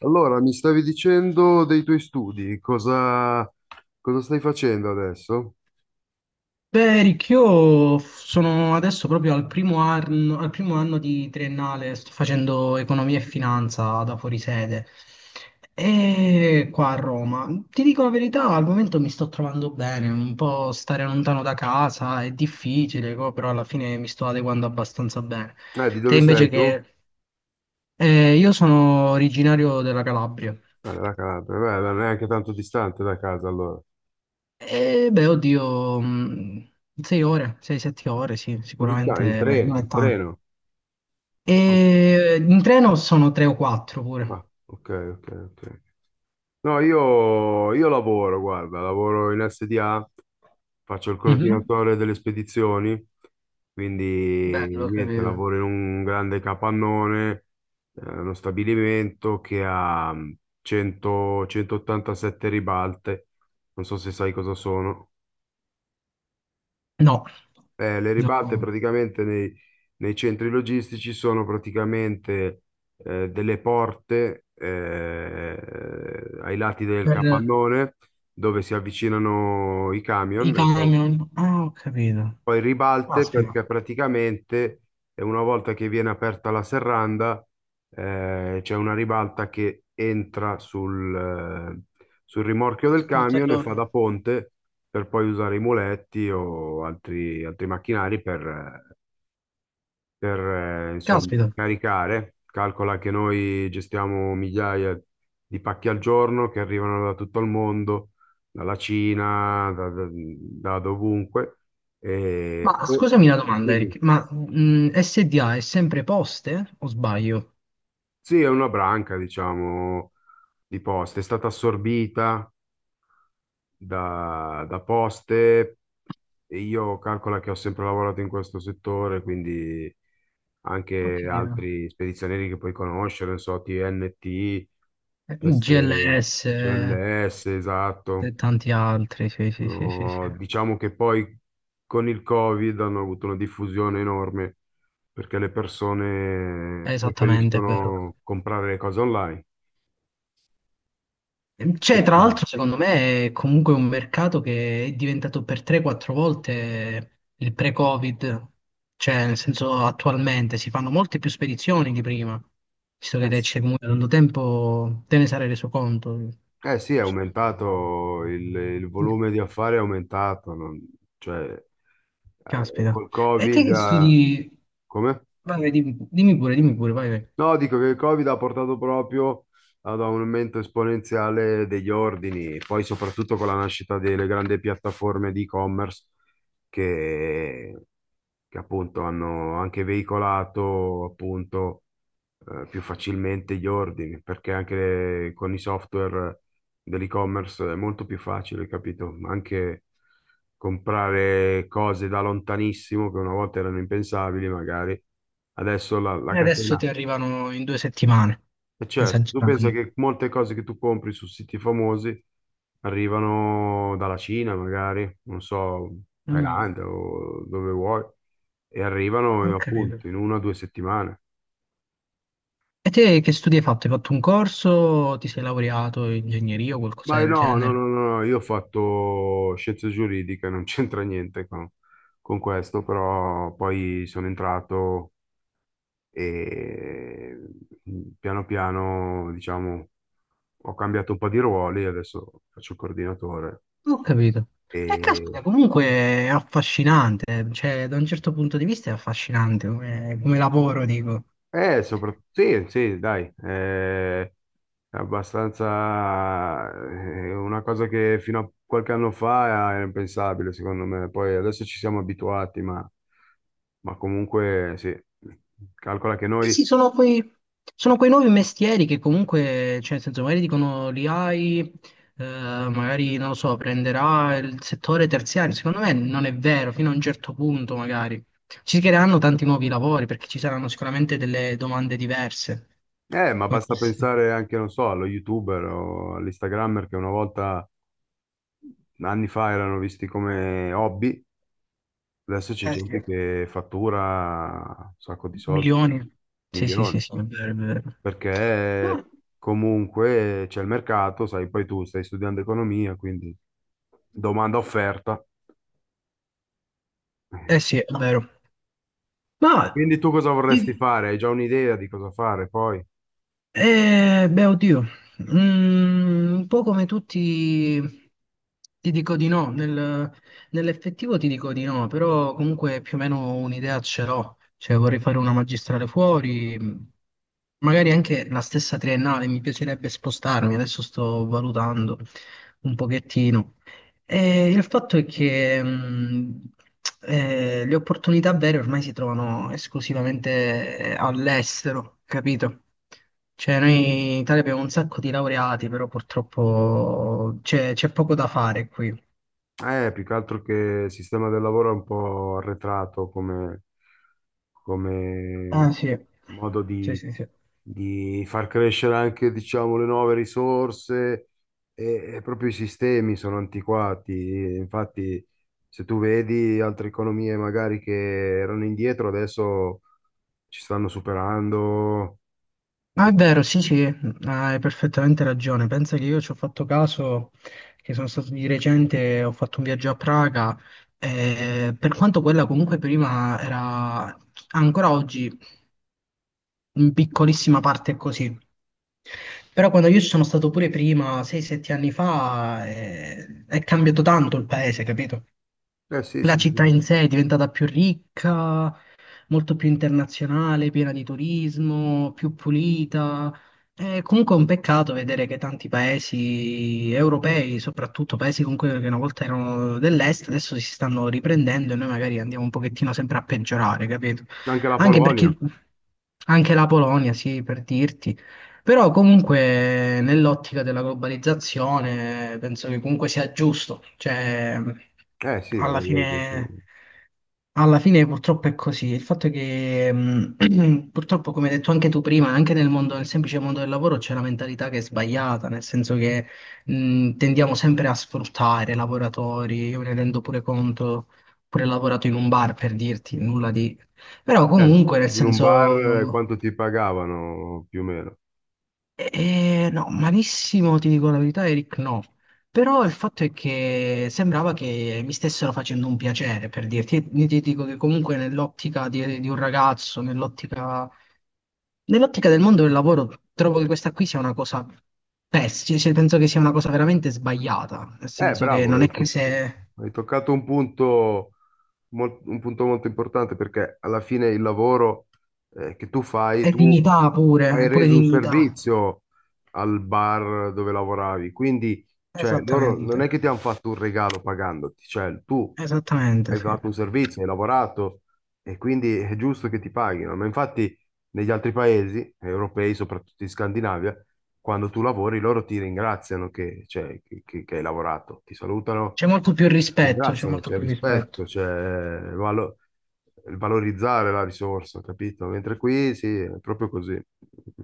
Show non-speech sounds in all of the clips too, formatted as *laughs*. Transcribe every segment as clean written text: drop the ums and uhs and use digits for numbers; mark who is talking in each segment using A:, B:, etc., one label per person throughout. A: Allora, mi stavi dicendo dei tuoi studi, cosa, cosa stai facendo adesso?
B: Beh, Eric, sono adesso proprio al primo anno di triennale, sto facendo economia e finanza da fuorisede e qua a Roma. Ti dico la verità, al momento mi sto trovando bene, un po' stare lontano da casa è difficile, però alla fine mi sto adeguando abbastanza bene.
A: Di
B: Te
A: dove
B: invece
A: sei tu?
B: che... Io sono originario della Calabria
A: Da Calabria, beh, non è neanche tanto distante da casa allora.
B: e beh, oddio, 6 ore, sei, 7 ore, sì,
A: Così sta, in
B: sicuramente
A: treno,
B: non
A: in
B: è tanto.
A: treno.
B: E in treno sono tre o quattro pure.
A: Ah, ok, ok, ok. No, io lavoro, guarda, lavoro in SDA, faccio il
B: Mhm.
A: coordinatore delle spedizioni,
B: Bello,
A: quindi
B: ho
A: niente,
B: capito.
A: lavoro in un grande capannone, uno stabilimento che ha 100 187 ribalte, non so se sai cosa sono.
B: No,
A: Le
B: no.
A: ribalte praticamente nei centri logistici sono praticamente delle porte ai lati del
B: Per
A: capannone dove si avvicinano i
B: i
A: camion e poi,
B: camion. Ah, ho capito.
A: poi ribalte
B: Caspita.
A: perché praticamente una volta che viene aperta la serranda c'è una ribalta che entra sul rimorchio del
B: Il
A: camion e fa
B: portellone.
A: da ponte per poi usare i muletti o altri macchinari eh, per insomma
B: Caspita.
A: caricare. Calcola che noi gestiamo migliaia di pacchi al giorno che arrivano da tutto il mondo, dalla Cina, da dovunque. E,
B: Ma
A: e-
B: scusami una domanda, Eric.
A: Dimmi.
B: Ma SDA è sempre poste o sbaglio?
A: Sì, è una branca, diciamo, di poste. È stata assorbita da poste e io calcola che ho sempre lavorato in questo settore, quindi
B: Ho
A: anche
B: capito.
A: altri spedizionieri che puoi conoscere, non so, TNT, S,
B: GLS
A: GLS,
B: e
A: esatto.
B: tanti altri. Sì, sì, sì, sì, sì.
A: Diciamo che poi con il Covid hanno avuto una diffusione enorme perché le persone
B: Esattamente, è vero.
A: preferiscono comprare le cose online. E
B: C'è, tra
A: quindi-
B: l'altro, secondo me è comunque un mercato che è diventato per 3-4 volte il pre-Covid, cioè nel senso attualmente si fanno molte più spedizioni di prima, visto che te
A: Sì,
B: c'è comunque tanto tempo, te ne sarai reso conto.
A: eh sì, è
B: Sì.
A: aumentato, il volume di affari è aumentato, cioè
B: Caspita.
A: col
B: E te
A: Covid,
B: che studi?
A: come?
B: Vai, vai, dimmi, dimmi pure, vai, vai.
A: No, dico che il Covid ha portato proprio ad un aumento esponenziale degli ordini, poi soprattutto con la nascita delle grandi piattaforme di e-commerce che, che appunto hanno anche veicolato appunto più facilmente gli ordini, perché anche con i software dell'e-commerce è molto più facile, capito? Anche comprare cose da lontanissimo che una volta erano impensabili, magari adesso la
B: E adesso ti
A: catena.
B: arrivano in 2 settimane,
A: E certo, tu pensa
B: esagerati.
A: che molte cose che tu compri su siti famosi arrivano dalla Cina, magari, non so,
B: Mm,
A: Thailandia o dove vuoi, e arrivano
B: ok.
A: appunto in una o due settimane.
B: E te che studi hai fatto? Hai fatto un corso? Ti sei laureato in ingegneria o qualcosa
A: Ma io
B: del
A: no, no,
B: genere?
A: no, no, io ho fatto scienze giuridiche, non *laughs* c'entra niente con, con questo, però poi sono entrato e piano piano, diciamo, ho cambiato un po' di ruoli, adesso faccio il coordinatore
B: Non ho capito. E
A: e
B: caspita, comunque è affascinante, eh. Cioè da un certo punto di vista è affascinante come, come lavoro, dico.
A: soprattutto, sì, sì, dai, è abbastanza, è una cosa che fino a qualche anno fa era impensabile, secondo me, poi adesso ci siamo abituati, ma comunque sì, calcola che
B: Eh
A: noi,
B: sì, sono quei nuovi mestieri che comunque, cioè, nel senso, magari dicono li hai, magari, non lo so, prenderà il settore terziario. Secondo me non è vero, fino a un certo punto magari. Ci si creeranno tanti nuovi lavori perché ci saranno sicuramente delle domande diverse.
A: ma
B: Come
A: basta
B: queste.
A: pensare anche, non so, allo YouTuber o all'Instagrammer che una volta, anni fa, erano visti come hobby, adesso c'è
B: Eh sì.
A: gente che fattura un sacco di soldi,
B: Milioni. Sì, sì,
A: milioni.
B: sì, sì, è vero, è vero.
A: Perché
B: Beh,
A: comunque c'è il mercato, sai, poi tu stai studiando economia, quindi domanda offerta.
B: eh sì, è
A: *laughs*
B: vero. Ma...
A: Quindi tu cosa vorresti fare? Hai già un'idea di cosa fare poi?
B: Beh, oddio, un po' come tutti ti dico di no, nell'effettivo ti dico di no, però comunque più o meno un'idea ce l'ho, cioè vorrei fare una magistrale fuori, magari anche la stessa triennale, mi piacerebbe spostarmi, adesso sto valutando un pochettino. E il fatto è che le opportunità vere ormai si trovano esclusivamente all'estero, capito? Cioè, noi in Italia abbiamo un sacco di laureati, però purtroppo c'è poco da fare qui.
A: Più che altro che il sistema del lavoro è un po' arretrato come
B: Ah, sì.
A: modo
B: Sì, sì, sì.
A: di far crescere anche, diciamo, le nuove risorse e proprio i sistemi sono antiquati. Infatti, se tu vedi altre economie magari che erano indietro, adesso ci stanno superando.
B: Ah, è
A: E-
B: vero, sì, sì. Ah, hai perfettamente ragione. Pensa che io ci ho fatto caso, che sono stato di recente, ho fatto un viaggio a Praga, per quanto quella comunque prima era, ancora oggi in piccolissima parte è così. Però quando io ci sono stato pure prima, 6-7 anni fa, è cambiato tanto il paese, capito?
A: Eh sì,
B: La
A: sì, sì.
B: città in sé è diventata più ricca, molto più internazionale, piena di turismo, più pulita. È comunque un peccato vedere che tanti paesi europei, soprattutto paesi comunque che una volta erano dell'est, adesso si stanno riprendendo e noi magari andiamo un pochettino sempre a peggiorare, capito?
A: Anche la
B: Anche
A: Polonia.
B: perché anche la Polonia, sì, per dirti, però comunque nell'ottica della globalizzazione penso che comunque sia giusto, cioè
A: Eh sì, la
B: alla fine,
A: globalizzazione.
B: alla fine purtroppo è così. Il fatto è che *clears throat* purtroppo, come hai detto anche tu prima, anche nel mondo, nel semplice mondo del lavoro c'è una mentalità che è sbagliata, nel senso che tendiamo sempre a sfruttare i lavoratori, io me ne rendo pure conto, pure lavorato in un bar per dirti nulla di... Però
A: Eh,
B: comunque nel
A: in un bar
B: senso...
A: quanto ti pagavano più o meno?
B: No, malissimo, ti dico la verità, Eric, no. Però il fatto è che sembrava che mi stessero facendo un piacere, per dirti. Io ti dico che comunque nell'ottica di un ragazzo, nell'ottica del mondo del lavoro, trovo che questa qui sia una cosa pessima, penso che sia una cosa veramente sbagliata, nel
A: Eh,
B: senso che
A: bravo,
B: non è
A: hai
B: che
A: toc-
B: se
A: hai toccato un punto molto importante perché alla fine il lavoro che tu fai,
B: è
A: tu
B: dignità pure,
A: hai
B: è pure
A: reso un
B: dignità.
A: servizio al bar dove lavoravi, quindi cioè, loro non è
B: Esattamente,
A: che ti hanno fatto un regalo pagandoti, cioè tu
B: esattamente,
A: hai
B: sì.
A: fatto un servizio, hai lavorato e quindi è giusto che ti paghino. Ma infatti negli altri paesi europei, soprattutto in Scandinavia, quando tu lavori loro ti ringraziano che che hai lavorato, ti salutano
B: C'è molto più rispetto, c'è
A: ringraziano,
B: molto
A: c'è il
B: più rispetto.
A: rispetto, il valorizzare la risorsa, capito? Mentre qui sì, è proprio così.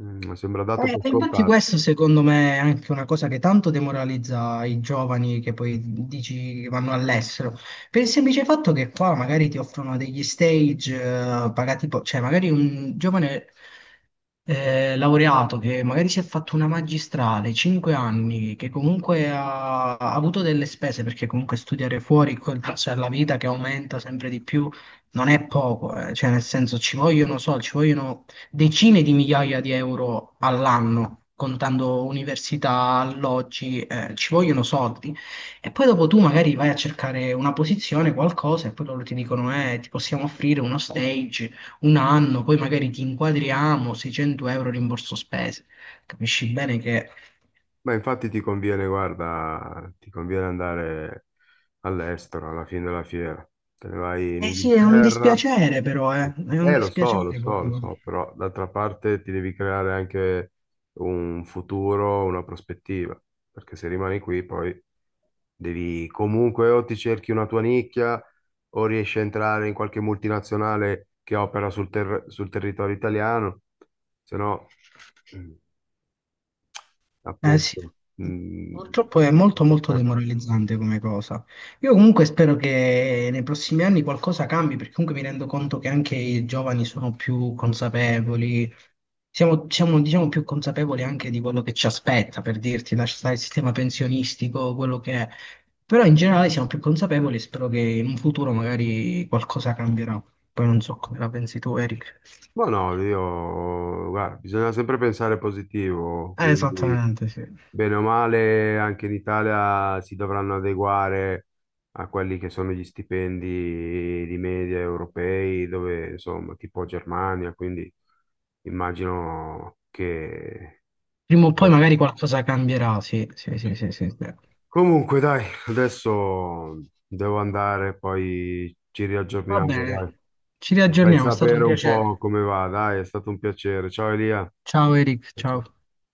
A: Mm, sembra dato per
B: Infatti
A: scontato.
B: questo secondo me è anche una cosa che tanto demoralizza i giovani che poi dici che vanno all'estero, per il semplice fatto che qua magari ti offrono degli stage pagati, cioè magari un giovane laureato che magari si è fatto una magistrale, 5 anni, che comunque ha avuto delle spese perché comunque studiare fuori *laughs* col prezzo della vita che aumenta sempre di più non è poco, cioè nel senso ci vogliono soldi, ci vogliono decine di migliaia di euro all'anno, contando università, alloggi, ci vogliono soldi. E poi dopo tu magari vai a cercare una posizione, qualcosa, e poi loro ti dicono, ti possiamo offrire uno stage, un anno, poi magari ti inquadriamo, 600 € rimborso spese. Capisci bene che...
A: Ma infatti ti conviene, guarda, ti conviene andare all'estero alla fine della fiera. Te ne vai in
B: Eh sì, è un
A: Inghilterra.
B: dispiacere però, è un
A: Lo so, lo
B: dispiacere
A: so, lo
B: comunque.
A: so, però d'altra parte ti devi creare anche un futuro, una prospettiva, perché se rimani qui poi devi comunque o ti cerchi una tua nicchia o riesci a entrare in qualche multinazionale che opera sul territorio italiano, se no... mm,
B: Eh sì,
A: appunto. Mm,
B: purtroppo è molto
A: vengo a
B: molto
A: far-
B: demoralizzante come cosa. Io comunque spero che nei prossimi anni qualcosa cambi, perché comunque mi rendo conto che anche i giovani sono più consapevoli, diciamo più consapevoli anche di quello che ci aspetta, per dirti, lascia il sistema pensionistico, quello che è. Però in generale siamo più consapevoli e spero che in un futuro magari qualcosa cambierà. Poi non so come la pensi tu, Eric.
A: Ma no, io, guarda, bisogna sempre pensare positivo, quindi
B: Esattamente, sì.
A: bene o male anche in Italia si dovranno adeguare a quelli che sono gli stipendi di media europei, dove insomma, tipo Germania, quindi immagino che
B: Prima o poi magari qualcosa cambierà, sì, sì, sì, sì, sì, sì.
A: comunque, dai, adesso devo andare, poi ci
B: Va
A: riaggiorniamo, dai.
B: bene, ci
A: Mi fai
B: riaggiorniamo, è stato
A: sapere
B: un
A: un po'
B: piacere.
A: come va, dai, è stato un piacere. Ciao Elia.
B: Ciao Eric,
A: Ciao,
B: ciao.
A: ciao.